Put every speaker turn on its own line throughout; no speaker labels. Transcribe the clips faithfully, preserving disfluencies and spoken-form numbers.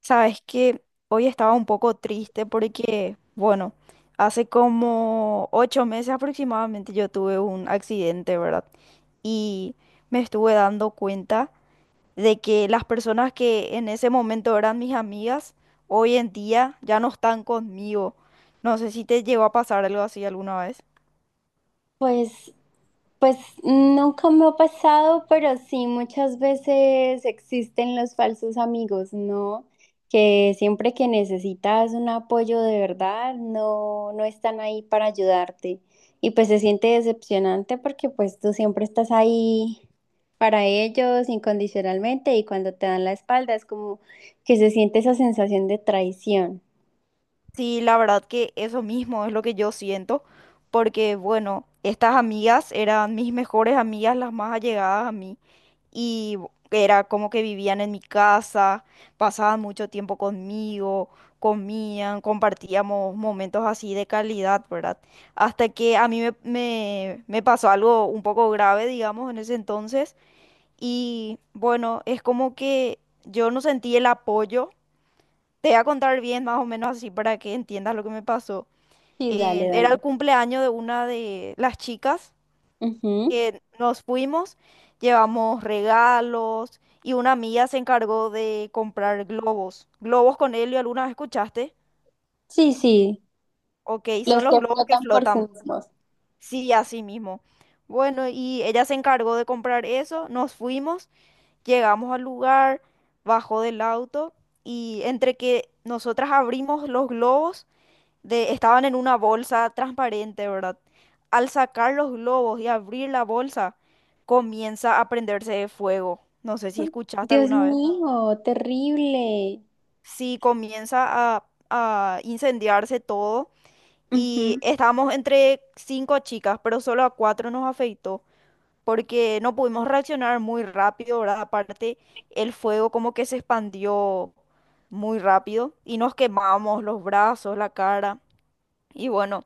Sabes que hoy estaba un poco triste porque, bueno, hace como ocho meses aproximadamente yo tuve un accidente, ¿verdad? Y me estuve dando cuenta de que las personas que en ese momento eran mis amigas, hoy en día ya no están conmigo. No sé si te llegó a pasar algo así alguna vez.
Pues, pues nunca me ha pasado, pero sí muchas veces existen los falsos amigos, ¿no? Que siempre que necesitas un apoyo de verdad, no, no están ahí para ayudarte. Y pues se siente decepcionante porque pues tú siempre estás ahí para ellos incondicionalmente y cuando te dan la espalda es como que se siente esa sensación de traición.
Sí, la verdad que eso mismo es lo que yo siento, porque bueno, estas amigas eran mis mejores amigas, las más allegadas a mí, y bu- era como que vivían en mi casa, pasaban mucho tiempo conmigo, comían, compartíamos momentos así de calidad, ¿verdad? Hasta que a mí me, me, me pasó algo un poco grave, digamos, en ese entonces, y bueno, es como que yo no sentí el apoyo. Te voy a contar bien, más o menos así, para que entiendas lo que me pasó.
Sí, dale,
Eh, era el
dale.
cumpleaños de una de las chicas
Ujú.
que nos fuimos, llevamos regalos y una amiga se encargó de comprar globos. Globos con helio, ¿alguna vez escuchaste?
Sí, sí,
Ok,
los
son los
que
globos que
flotan por sí
flotan.
mismos.
Sí, así mismo. Bueno, y ella se encargó de comprar eso, nos fuimos, llegamos al lugar, bajó del auto y entre que nosotras abrimos los globos, de, estaban en una bolsa transparente, ¿verdad? Al sacar los globos y abrir la bolsa, comienza a prenderse fuego. No sé si escuchaste
Dios
alguna vez.
mío, terrible.
Sí, comienza a, a incendiarse todo y
Ujú.
estábamos entre cinco chicas, pero solo a cuatro nos afectó porque no pudimos reaccionar muy rápido, ¿verdad? Aparte, el fuego como que se expandió muy rápido y nos quemamos los brazos, la cara. Y bueno,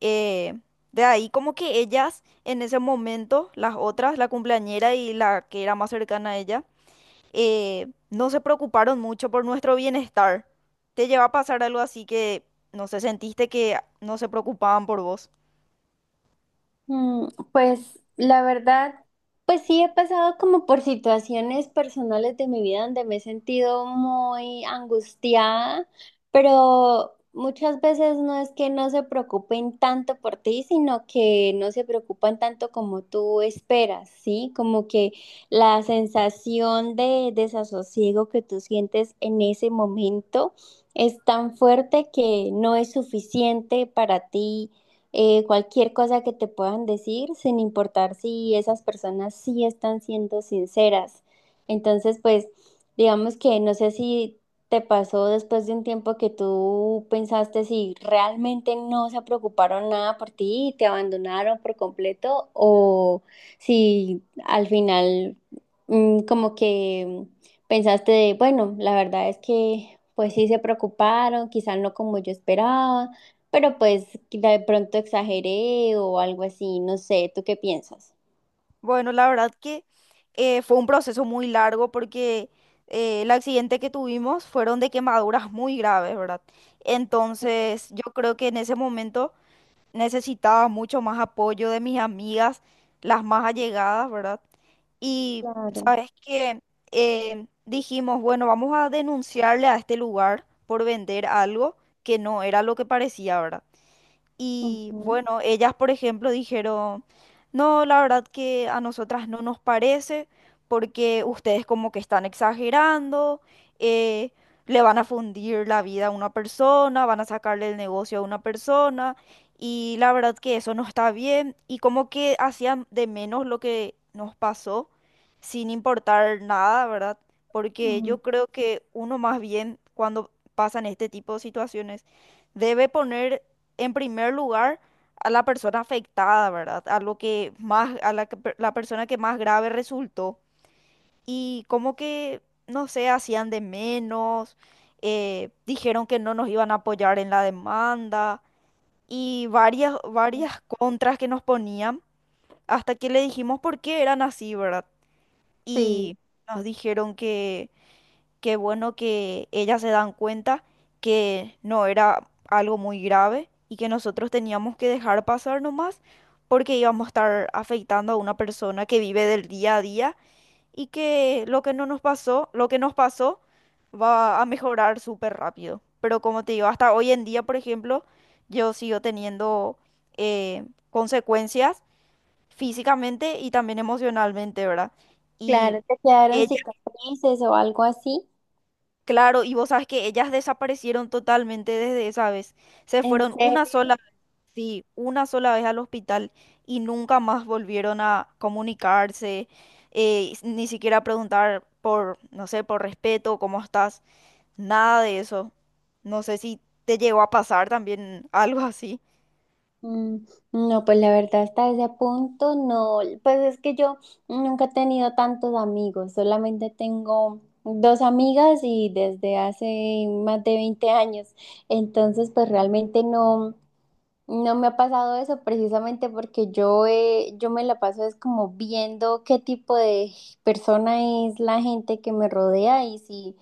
eh, de ahí como que ellas en ese momento, las otras, la cumpleañera y la que era más cercana a ella, eh, no se preocuparon mucho por nuestro bienestar. ¿Te lleva a pasar algo así que, no sé, sentiste que no se preocupaban por vos?
Mm, Pues la verdad, pues sí he pasado como por situaciones personales de mi vida donde me he sentido muy angustiada, pero muchas veces no es que no se preocupen tanto por ti, sino que no se preocupan tanto como tú esperas, ¿sí? Como que la sensación de desasosiego que tú sientes en ese momento es tan fuerte que no es suficiente para ti, eh, cualquier cosa que te puedan decir, sin importar si esas personas sí están siendo sinceras. Entonces, pues, digamos que no sé si te pasó después de un tiempo que tú pensaste si realmente no se preocuparon nada por ti y te abandonaron por completo o si al final mm, como que pensaste de, bueno, la verdad es que pues sí se preocuparon, quizás no como yo esperaba, pero pues que de pronto exageré o algo así, no sé, ¿tú qué piensas?
Bueno, la verdad que eh, fue un proceso muy largo porque eh, el accidente que tuvimos fueron de quemaduras muy graves, ¿verdad? Entonces, yo creo que en ese momento necesitaba mucho más apoyo de mis amigas, las más allegadas, ¿verdad? Y
Claro.
sabes que dijimos, bueno, vamos a denunciarle a este lugar por vender algo que no era lo que parecía, ¿verdad? Y
Ujú,
bueno, ellas, por ejemplo, dijeron, no, la verdad que a nosotras no nos parece porque ustedes como que están exagerando, eh, le van a fundir la vida a una persona, van a sacarle el negocio a una persona y la verdad que eso no está bien y como que hacían de menos lo que nos pasó sin importar nada, ¿verdad? Porque yo
ujú.
creo que uno más bien cuando pasan este tipo de situaciones debe poner en primer lugar a la persona afectada, ¿verdad? A lo que más, a la, que per- la persona que más grave resultó. Y como que, no sé, hacían de menos, eh, dijeron que no nos iban a apoyar en la demanda y varias, varias contras que nos ponían hasta que le dijimos por qué eran así, ¿verdad?
Sí,
Y nos dijeron qué bueno que ellas se dan cuenta que no era algo muy grave y que nosotros teníamos que dejar pasar nomás porque íbamos a estar afectando a una persona que vive del día a día y que lo que no nos pasó, lo que nos pasó va a mejorar súper rápido. Pero como te digo, hasta hoy en día, por ejemplo, yo sigo teniendo eh, consecuencias físicamente y también emocionalmente, ¿verdad? Y
claro, te quedaron
ella
cicatrices o algo así.
claro, y vos sabes que ellas desaparecieron totalmente desde esa vez. Se
¿En
fueron una
serio?
sola, sí, una sola vez al hospital y nunca más volvieron a comunicarse, eh, s- ni siquiera preguntar por, no sé, por respeto, cómo estás, nada de eso. No sé si te llegó a pasar también algo así.
Mm, no, pues la verdad hasta ese punto no, pues es que yo nunca he tenido tantos amigos, solamente tengo dos amigas y desde hace más de veinte años, entonces pues realmente no. No me ha pasado eso precisamente porque yo, eh, yo me la paso es como viendo qué tipo de persona es la gente que me rodea, y si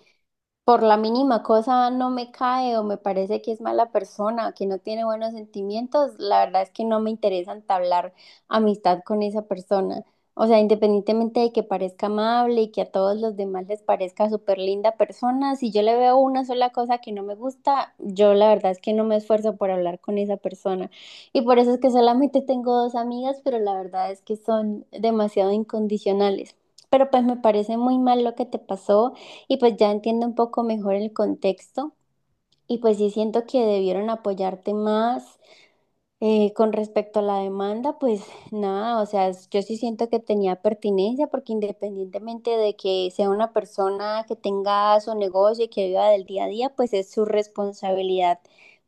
por la mínima cosa no me cae o me parece que es mala persona, que no tiene buenos sentimientos, la verdad es que no me interesa entablar amistad con esa persona. O sea, independientemente de que parezca amable y que a todos los demás les parezca súper linda persona, si yo le veo una sola cosa que no me gusta, yo la verdad es que no me esfuerzo por hablar con esa persona. Y por eso es que solamente tengo dos amigas, pero la verdad es que son demasiado incondicionales. Pero pues me parece muy mal lo que te pasó y pues ya entiendo un poco mejor el contexto. Y pues sí siento que debieron apoyarte más, eh, con respecto a la demanda, pues nada, o sea, es- yo sí siento que tenía pertinencia porque independientemente de que sea una persona que tenga su negocio y que viva del día a día, pues es su responsabilidad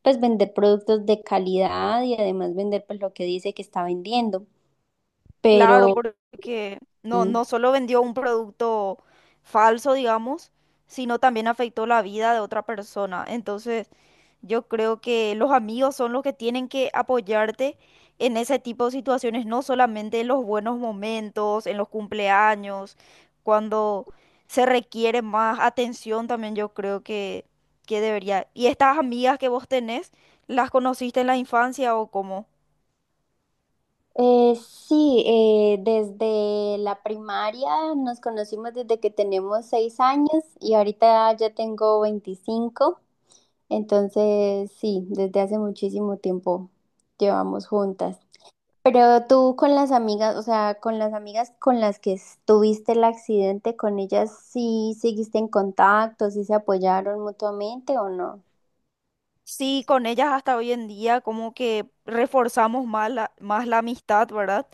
pues vender productos de calidad y además vender pues lo que dice que está vendiendo.
Claro,
Pero
porque no, no solo vendió un producto falso, digamos, sino también afectó la vida de otra persona. Entonces, yo creo que los amigos son los que tienen que apoyarte en ese tipo de situaciones, no solamente en los buenos momentos, en los cumpleaños, cuando se requiere más atención también yo creo que, que debería. ¿Y estas amigas que vos tenés, las conociste en la infancia o cómo?
Eh, sí, eh, desde la primaria nos conocimos desde que tenemos seis años y ahorita ya tengo veinticinco, entonces sí, desde hace muchísimo tiempo llevamos juntas. Pero tú con las amigas, o sea, con las amigas con las que tuviste el accidente, ¿con ellas sí seguiste en contacto, sí se apoyaron mutuamente o no?
Sí, con ellas hasta hoy en día como que reforzamos más la, más la amistad, ¿verdad?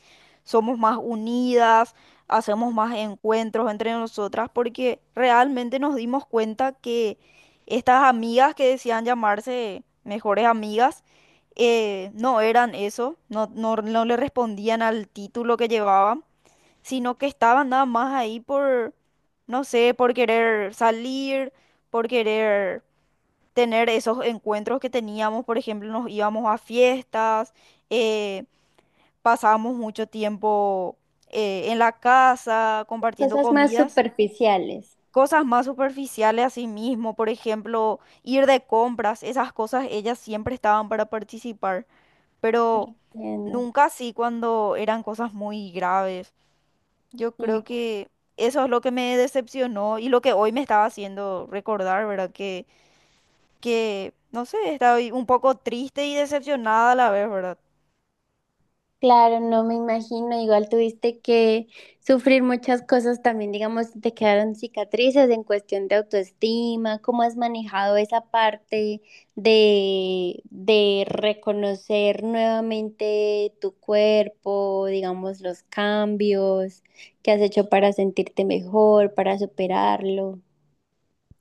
Somos más unidas, hacemos más encuentros entre nosotras porque realmente nos dimos cuenta que estas amigas que decían llamarse mejores amigas eh, no eran eso, no, no, no le respondían al título que llevaban, sino que estaban nada más ahí por, no sé, por querer salir, por querer tener esos encuentros que teníamos, por ejemplo, nos íbamos a fiestas, eh, pasábamos mucho tiempo eh, en la casa compartiendo
Cosas más
comidas,
superficiales.
cosas más superficiales. A sí mismo, por ejemplo, ir de compras, esas cosas ellas siempre estaban para participar, pero
Entiendo.
nunca así cuando eran cosas muy graves. Yo creo
Sí.
que eso es lo que me decepcionó y lo que hoy me estaba haciendo recordar, ¿verdad? Que que, no sé, estaba un poco triste y decepcionada a la vez, ¿verdad?
Claro, no me imagino, igual tuviste que sufrir muchas cosas también, digamos, si te quedaron cicatrices en cuestión de autoestima, ¿cómo has manejado esa parte de, de reconocer nuevamente tu cuerpo, digamos, los cambios que has hecho para sentirte mejor, para superarlo?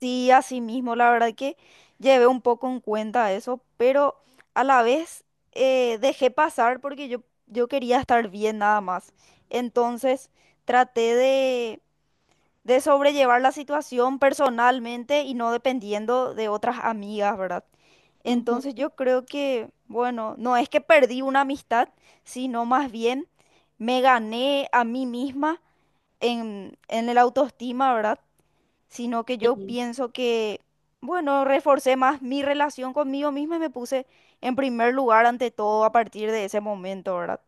Sí, así mismo, la verdad que llevé un poco en cuenta eso, pero a la vez eh, dejé pasar porque yo, yo quería estar bien nada más. Entonces traté de, de sobrellevar la situación personalmente y no dependiendo de otras amigas, ¿verdad? Entonces yo creo que, bueno, no es que perdí una amistad, sino más bien me gané a mí misma en, en el autoestima, ¿verdad? Sino que yo
Ujú.
pienso que, bueno, reforcé más mi relación conmigo misma y me puse en primer lugar ante todo a partir de ese momento, ¿verdad?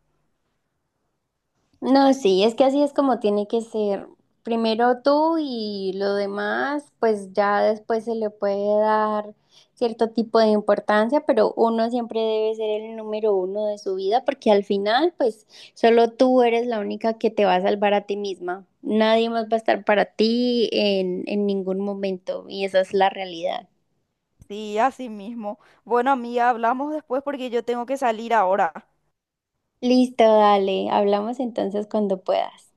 No, sí, es que así es como tiene que ser. Primero tú y lo demás, pues ya después se le puede dar cierto tipo de importancia, pero uno siempre debe ser el número uno de su vida, porque al final, pues solo tú eres la única que te va a salvar a ti misma. Nadie más va a estar para ti en, en ningún momento, y esa es la realidad.
Sí, así mismo. Bueno, amiga, hablamos después porque yo tengo que salir ahora.
Listo, dale, hablamos entonces cuando puedas.